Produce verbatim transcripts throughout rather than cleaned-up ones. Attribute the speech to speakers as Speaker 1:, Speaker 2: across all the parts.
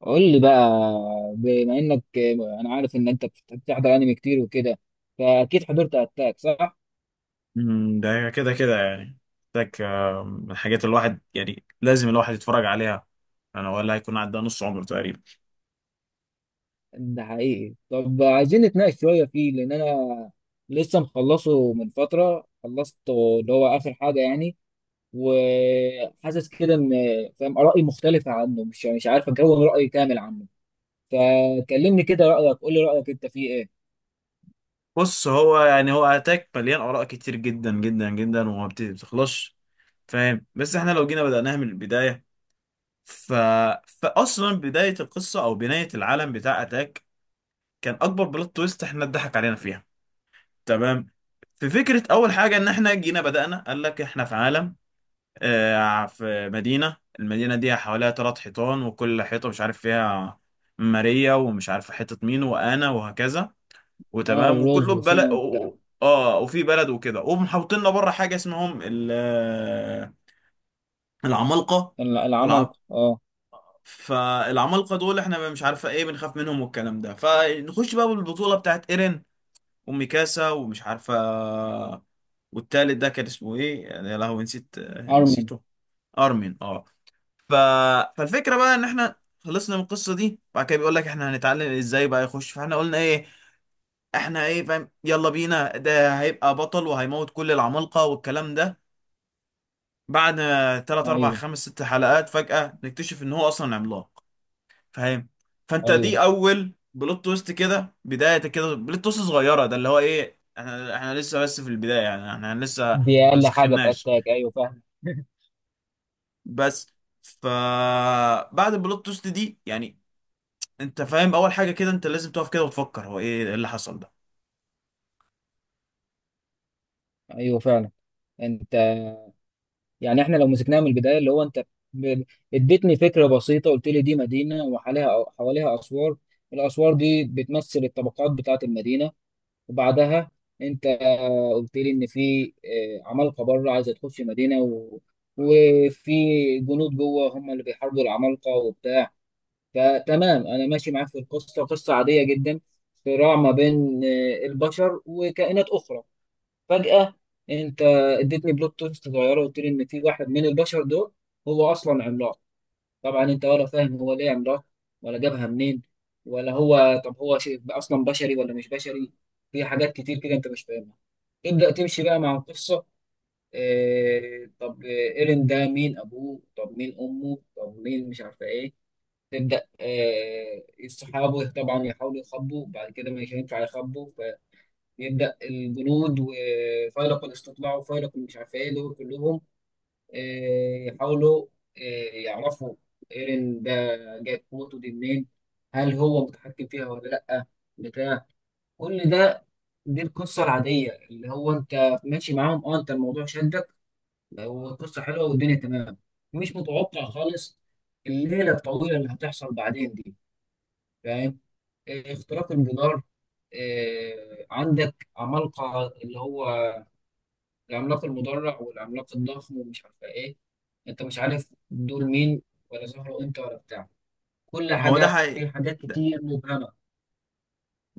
Speaker 1: قول لي بقى، بما انك انا عارف ان انت بت- بتحضر انمي كتير وكده، فاكيد حضرت اتاك، صح؟
Speaker 2: مم، ده كده كده يعني محتاج آه، من الحاجات الواحد يعني لازم الواحد يتفرج عليها. انا ولا هيكون عدى نص عمره تقريبا.
Speaker 1: ده حقيقي. طب عايزين نتناقش شويه فيه، لان انا لسه مخلصه من فتره، خلصته اللي هو اخر حاجه يعني. وحاسس كده ان فاهم ارائي مختلفه عنه، مش يعني، مش عارف اكون راي كامل عنه. فكلمني كده رايك، قول لي رايك انت فيه ايه؟
Speaker 2: بص هو يعني هو اتاك مليان اراء كتير جدا جدا جدا وما بت- بتخلصش. فاهم، بس احنا لو جينا بدأناها من البداية ف... فاصلا بداية القصة او بناية العالم بتاع اتاك، كان اكبر بلوت تويست احنا اتضحك علينا فيها. تمام. في فكرة اول حاجة ان احنا جينا بدأنا قال لك احنا في عالم، آه، في مدينة، المدينة دي حواليها تلات حيطان، وكل حيطة مش عارف فيها ماريا ومش عارف حيطة مين وأنا وهكذا،
Speaker 1: اه،
Speaker 2: وتمام
Speaker 1: وروز
Speaker 2: وكله
Speaker 1: وسينا
Speaker 2: ببلد.
Speaker 1: وبتاع.
Speaker 2: اه وفي بلد وكده، ومحوطيننا بره حاجة اسمهم ال- آه، العمالقة.
Speaker 1: العمل،
Speaker 2: والعم
Speaker 1: اه.
Speaker 2: فالعمالقة دول احنا مش عارفة ايه، بنخاف منهم والكلام ده. فنخش بقى بالبطولة بتاعت ايرين وميكاسا ومش عارفة. والتالت ده كان اسمه ايه يا لهوي، نسيت، آه،
Speaker 1: ارمن.
Speaker 2: نسيته. ارمين، اه. ف... فالفكره بقى ان احنا خلصنا من القصه دي. بعد كده بيقول لك احنا هنتعلم ازاي بقى يخش، فاحنا قلنا ايه، احنا ايه، فاهم، يلا بينا، ده هيبقى بطل وهيموت كل العمالقه والكلام ده. بعد تلاتة اربعة
Speaker 1: ايوه،
Speaker 2: خمسة ستة حلقات فجاه نكتشف ان هو اصلا عملاق. فاهم؟ فانت
Speaker 1: ايوه،
Speaker 2: دي اول بلوت تويست كده، بدايه كده بلوت تويست صغيره، ده اللي هو ايه، احنا احنا لسه بس في البدايه، يعني احنا لسه
Speaker 1: دي
Speaker 2: ما
Speaker 1: اقل حاجه في
Speaker 2: مسخناش،
Speaker 1: اتاك، ايوه فعلا
Speaker 2: بس. فبعد البلوت تويست دي يعني، انت فاهم، اول حاجه كده انت لازم تقف كده وتفكر هو ايه اللي حصل ده.
Speaker 1: ايوه فعلا. انت يعني احنا لو مسكناها من البدايه، اللي هو انت ب- اديتني فكره بسيطه، قلت لي دي مدينه وحواليها حواليها اسوار، الاسوار دي بتمثل الطبقات بتاعه المدينه. وبعدها انت آه، قلت لي ان في آه، عمالقه بره عايزه تخش مدينه و... وفي جنود جوه هم اللي بيحاربوا العمالقه وبتاع. فتمام، انا ماشي معاك في القصه، قصه عاديه جدا، صراع ما بين آه، البشر وكائنات اخرى. فجأة انت اديتني بلوت توست صغيره وقلت لي ان في واحد من البشر دول هو اصلا عملاق. طبعا انت ولا فاهم هو ليه عملاق، ولا جابها منين، ولا هو طب هو شيء اصلا بشري ولا مش بشري. في حاجات كتير كده انت مش فاهمها. تبدأ تمشي بقى مع القصة، إيه طب ايرين ده، مين ابوه، طب مين امه، طب مين مش عارفه ايه. تبدأ، إيه صحابه طبعا يحاولوا يخبوا، بعد كده مش هينفع يخبوا. يبدأ الجنود وفيلق الاستطلاع وفيلق مش عارف ايه دول كلهم آه، يحاولوا آه، يعرفوا ايرين ده جايب قوته دي منين، هل هو متحكم فيها ولا لأ، بتاع. كل ده دي القصة العادية، اللي هو انت ماشي معاهم، اه انت الموضوع شدك والقصة حلوة والدنيا تمام. مش متوقع خالص الليلة الطويلة اللي هتحصل بعدين دي، فاهم. آه، اختراق الجدار، آه، عندك عمالقة، اللي هو العملاق المدرع والعملاق الضخم ومش عارفه ايه. انت مش عارف دول مين ولا ظهروا امتى ولا بتاع. كل
Speaker 2: ما هو ده
Speaker 1: حاجه،
Speaker 2: حقيقي،
Speaker 1: في حاجات
Speaker 2: ده,
Speaker 1: كتير مبهمه.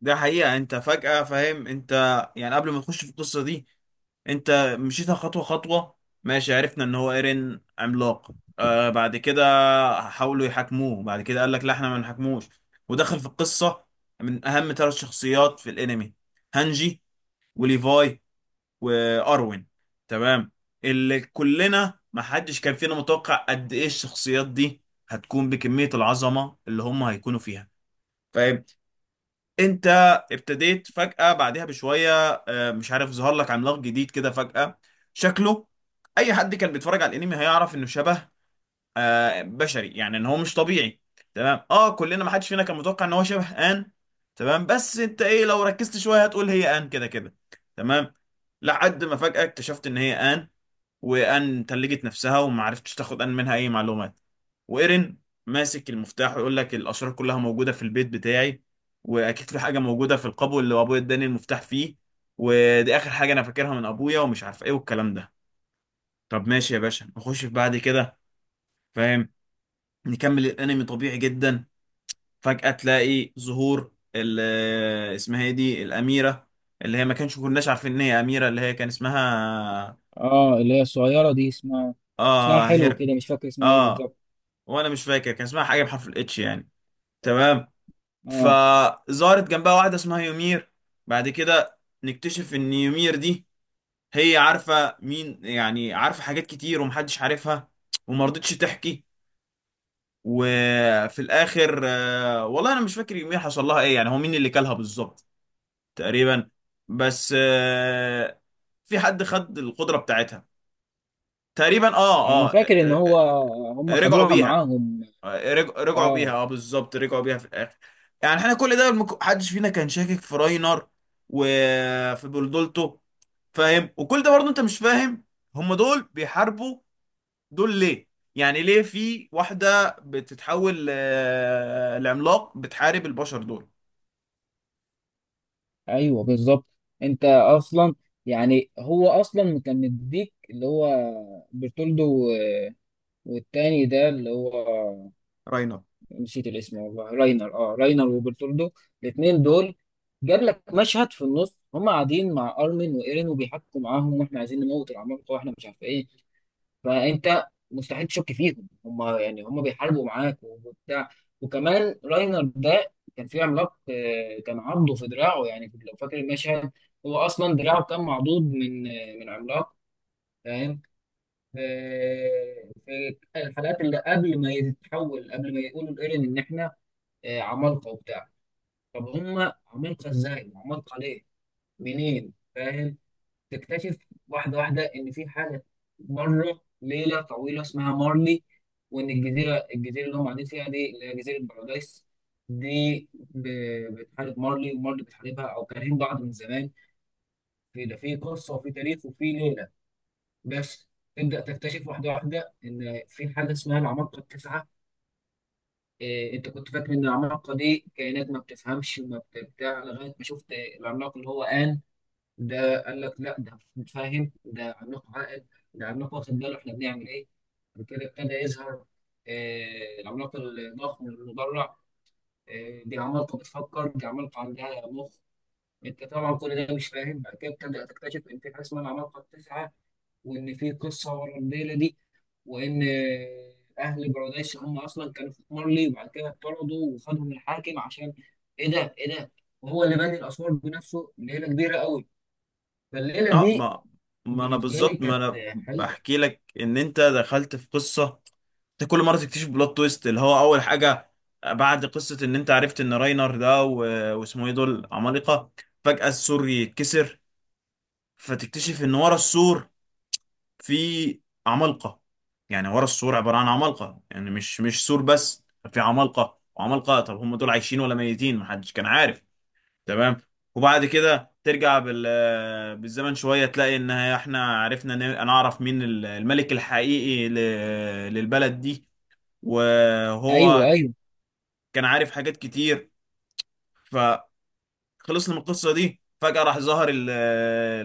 Speaker 2: ده حقيقه. انت فجاه فاهم، انت يعني قبل ما تخش في القصه دي، انت مشيتها خطوه خطوه. ماشي، عرفنا ان هو ايرين عملاق، آه بعد كده حاولوا يحاكموه، بعد كده قال لك لا احنا ما نحاكموش، ودخل في القصه من اهم ثلاث شخصيات في الانمي: هانجي وليفاي واروين. تمام، اللي كلنا ما حدش كان فينا متوقع قد ايه الشخصيات دي هتكون بكمية العظمة اللي هم هيكونوا فيها. فاهم؟ انت ابتديت فجأة بعدها بشوية، آه، مش عارف، ظهر لك عملاق جديد كده فجأة، شكله اي حد كان بيتفرج على الانمي هيعرف انه شبه آه، بشري، يعني ان هو مش طبيعي. تمام، اه، كلنا ما حدش فينا كان متوقع ان هو شبه ان. تمام، بس انت ايه، لو ركزت شوية هتقول هي ان كده كده. تمام، لحد ما فجأة اكتشفت ان هي ان. وان تلجت نفسها وما عرفتش تاخد ان منها اي معلومات. وايرين ماسك المفتاح ويقول لك الاشرار كلها موجوده في البيت بتاعي، واكيد في حاجه موجوده في القبو اللي ابويا اداني المفتاح فيه، ودي اخر حاجه انا فاكرها من ابويا، ومش عارف ايه والكلام ده. طب ماشي يا باشا، نخش في بعد كده. فاهم؟ نكمل الانمي طبيعي جدا، فجاه تلاقي ظهور ال- اسمها ايه دي، الاميره اللي هي ما كانش كناش عارفين ان هي اميره، اللي هي كان اسمها
Speaker 1: اه اللي هي الصغيرة دي، اسمها، اسمها
Speaker 2: اه
Speaker 1: حلو
Speaker 2: هير.
Speaker 1: كده مش فاكر اسمها ايه
Speaker 2: اه،
Speaker 1: بالظبط.
Speaker 2: وانا مش فاكر كان اسمها حاجه بحرف الاتش يعني. تمام.
Speaker 1: اه.
Speaker 2: فظهرت جنبها واحده اسمها يومير. بعد كده نكتشف ان يومير دي هي عارفه مين، يعني عارفه حاجات كتير ومحدش عارفها، وما رضتش تحكي. وفي الاخر آه، والله انا مش فاكر يومير حصل لها ايه، يعني هو مين اللي كلها بالظبط. تقريبا بس، آه، في حد خد القدره بتاعتها تقريبا، اه
Speaker 1: انا فاكر ان هو
Speaker 2: اه.
Speaker 1: هم
Speaker 2: رجعوا
Speaker 1: خدوها
Speaker 2: بيها،
Speaker 1: معاهم.
Speaker 2: آه، رج- رجعوا بيها،
Speaker 1: اه،
Speaker 2: اه بالظبط، رجعوا بيها في الاخر. يعني احنا كل ده المك- محدش فينا كان شاكك في راينر وفي بلدولتو. فاهم؟ وكل ده برضه انت مش فاهم هم دول بيحاربوا دول ليه، يعني ليه في واحدة بتتحول ل- لعملاق بتحارب البشر دول.
Speaker 1: ايوه بالظبط. انت اصلا يعني هو اصلا كان مديك اللي هو برتولدو، والتاني ده اللي هو،
Speaker 2: راينر،
Speaker 1: نسيت الاسم والله، راينر، اه راينر وبرتولدو. الاثنين دول جاب لك مشهد في النص هم قاعدين مع ارمن وايرين وبيحكوا معاهم، واحنا عايزين نموت العمالقه واحنا مش عارف ايه. فانت مستحيل تشك فيهم، هم يعني هم بيحاربوا معاك وبتاع. وكمان راينر ده كان في عملاق آه، كان عضه في دراعه، يعني لو فاكر المشهد، هو اصلا دراعه كان معضود من آه، من عملاق، فاهم. آه، في الحلقات اللي قبل ما يتحول، قبل ما يقولوا لإيرين ان احنا آه، عمالقة وبتاع. طب هم عمالقة ازاي وعمالقة ليه، منين، فاهم. تكتشف واحدة واحدة ان في حاجة بره ليلة طويلة اسمها مارلي، وان الجزيرة الجزيرة اللي هم قاعدين فيها دي اللي هي جزيرة بارادايس، دي ب- بتحارب مارلي ومارلي بتحاربها، او كارهين بعض من زمان، في ده، في قصة وفي تاريخ وفي ليلة. بس تبدأ تكتشف واحدة واحدة ان في حاجة اسمها العمالقة التسعة. إيه، انت كنت فاكر ان العمالقه دي كائنات ما بتفهمش وما بت- بتاع، لغايه ما شفت العملاق اللي هو آن، ده قال لك لا ده متفاهم، ده عملاق عاقل، ده عملاق واخد باله احنا بنعمل ايه. وكده ابتدى يظهر آه، العملاق الضخم المدرع، آه، دي عمالقه بتفكر، دي عمالقه عندها مخ. انت طبعا كل ده مش فاهم. بعد كده بتبدا تكتشف ان في حاجه اسمها العمالقه التسعه، وان في قصه ورا الليله دي، وان اهل بارادايس هم اصلا كانوا في مارلي، وبعد كده اطردوا وخدهم الحاكم عشان ايه ده، ايه ده. وهو اللي بني الاسوار بنفسه، ليله كبيره قوي. فالليله
Speaker 2: اه.
Speaker 1: دي
Speaker 2: ما ما انا
Speaker 1: بالنسبه لي
Speaker 2: بالظبط، ما
Speaker 1: كانت
Speaker 2: انا
Speaker 1: حلوه.
Speaker 2: بحكي لك ان انت دخلت في قصه، انت كل مره تكتشف بلوت تويست، اللي هو اول حاجه بعد قصه ان انت عرفت ان راينر ده و... واسمه ايه، دول عمالقه، فجاه السور يتكسر، فتكتشف ان ورا السور في عمالقه، يعني ورا السور عباره عن عمالقه، يعني مش مش سور بس، في عمالقه وعمالقه. طب هم دول عايشين ولا ميتين، محدش كان عارف. تمام. وبعد كده ترجع بال آه، بالزمن شويه، تلاقي ان احنا عرفنا ن- نعرف مين ال- الملك الحقيقي ل- للبلد دي،
Speaker 1: ايوه،
Speaker 2: وهو
Speaker 1: ايوه.
Speaker 2: كان عارف حاجات كتير. فخلصنا من القصه دي، فجاه راح ظهر ال-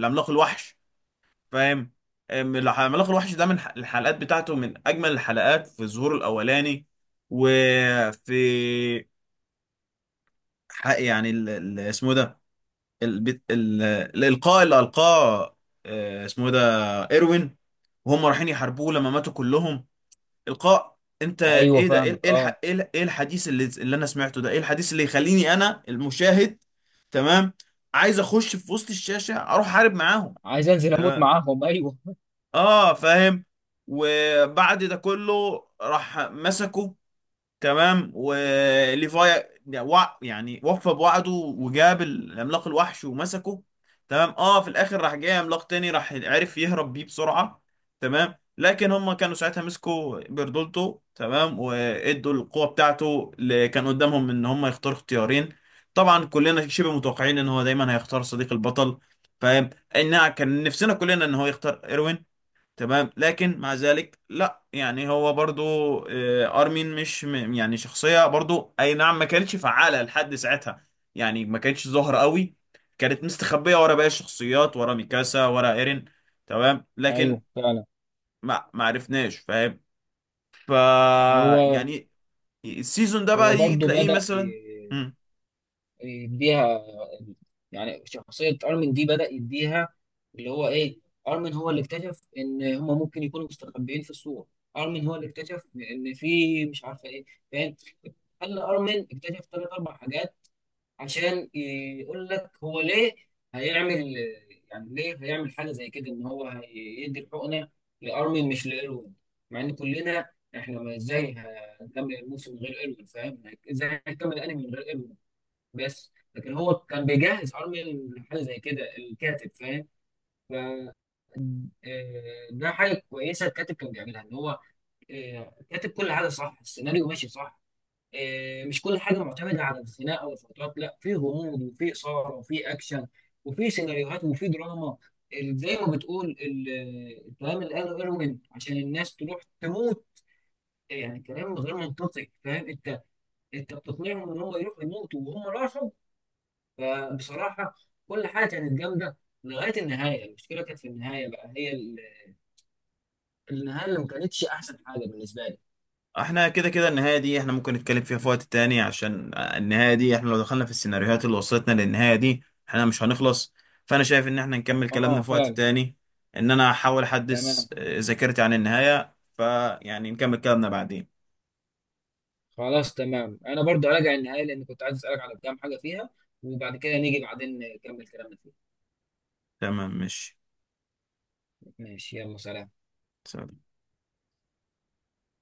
Speaker 2: العملاق الوحش. فاهم؟ أم- العملاق الوحش ده من ح- الحلقات بتاعته من اجمل الحلقات في ظهوره الاولاني. وفي حق يعني ال- ال- اسمه إيه ده، البت... ال... الإلقاء اللي ألقاه، آه، اسمه إيه ده، إيروين، وهم رايحين يحاربوه لما ماتوا كلهم. إلقاء، أنت
Speaker 1: ايوه
Speaker 2: إيه ده، إيه
Speaker 1: فاهمك،
Speaker 2: إيه
Speaker 1: اه.
Speaker 2: الح... إيه ال- إيه الحديث اللي اللي أنا سمعته ده، إيه الحديث اللي يخليني أنا المشاهد تمام عايز أخش في وسط الشاشة أروح أحارب معاهم.
Speaker 1: عايز انزل اموت
Speaker 2: تمام.
Speaker 1: معاهم، ايوه.
Speaker 2: آه فاهم. وبعد ده كله راح مسكه، تمام، وليفاي وع- يعني وفى بوعده وجاب العملاق الوحش ومسكه. تمام اه، في الاخر راح جاي عملاق تاني، راح عرف يهرب بيه بسرعة. تمام، لكن هم كانوا ساعتها مسكوا بيردولتو، تمام، وادوا القوة بتاعته اللي كان قدامهم ان هم يختاروا اختيارين. طبعا كلنا شبه متوقعين ان هو دايما هيختار صديق البطل. فاهم؟ ان كان نفسنا كلنا ان هو يختار ايروين. تمام لكن مع ذلك لا، يعني هو برضو، آه، ارمين مش م- يعني شخصية برضو اي نعم، ما كانتش فعالة لحد ساعتها، يعني ما كانتش ظاهرة قوي، كانت مستخبية ورا باقي الشخصيات، ورا ميكاسا ورا ايرين. تمام لكن
Speaker 1: ايوه فعلا.
Speaker 2: ما ما عرفناش، فاهم. ف
Speaker 1: هو
Speaker 2: يعني السيزون ده بقى
Speaker 1: هو
Speaker 2: يجي
Speaker 1: برضه
Speaker 2: تلاقيه
Speaker 1: بدأ
Speaker 2: مثلا.
Speaker 1: يديها، يعني شخصية أرمن دي بدأ يديها، اللي هو إيه، أرمن هو اللي اكتشف إن هما ممكن يكونوا مستخبيين في السور، أرمن هو اللي اكتشف إن في مش عارفة إيه، فاهم. خلى أرمن اكتشف تلات أربع حاجات، عشان يقول لك هو ليه هيعمل، يعني ليه هيعمل حاجة زي كده إن هو هيدي الحقنة لأرمن مش لإيروين، مع إن كلنا، إحنا ما إزاي هنكمل الموسم من غير إيروين، فاهم، إزاي هنكمل الأنمي من غير إيروين. بس لكن هو كان بيجهز ارميا لحاجه زي كده، الكاتب، فاهم. ف آه، ده حاجه كويسه الكاتب كان بيعملها، ان هو آه، كاتب كل حاجه صح، السيناريو ماشي صح، آه، مش كل حاجه معتمده على الخناقه والفترات، لا، في غموض وفي اثاره وفي اكشن وفي سيناريوهات وفي دراما. ال- زي ما بتقول ال- الكلام اللي قاله ايروين عشان الناس تروح تموت، يعني كلام غير منطقي فاهم انت، انت بتقنعهم ان هم يروحوا يموتوا وهم راحوا. فبصراحة كل حاجة كانت جامدة لغاية النهاية. المشكلة كانت في النهاية بقى، هي ال- النهاية اللي ما كانتش أحسن حاجة بالنسبة لي.
Speaker 2: احنا كده كده النهاية دي احنا ممكن نتكلم فيها في وقت تاني، عشان النهاية دي احنا لو دخلنا في السيناريوهات اللي وصلتنا للنهاية دي احنا مش هنخلص. فانا شايف ان احنا نكمل كلامنا
Speaker 1: اه
Speaker 2: في وقت
Speaker 1: فعلا.
Speaker 2: تاني، ان انا هحاول احدث
Speaker 1: تمام.
Speaker 2: آه، ذاكرتي عن النهاية، فيعني نكمل كلامنا بعدين.
Speaker 1: خلاص تمام، انا برضو راجع النهايه لان كنت عايز اسالك على كام حاجه فيها، وبعد كده نيجي بعدين نكمل كلامنا فيها.
Speaker 2: تمام ماشي،
Speaker 1: ماشي، يلا سلام.
Speaker 2: سلام.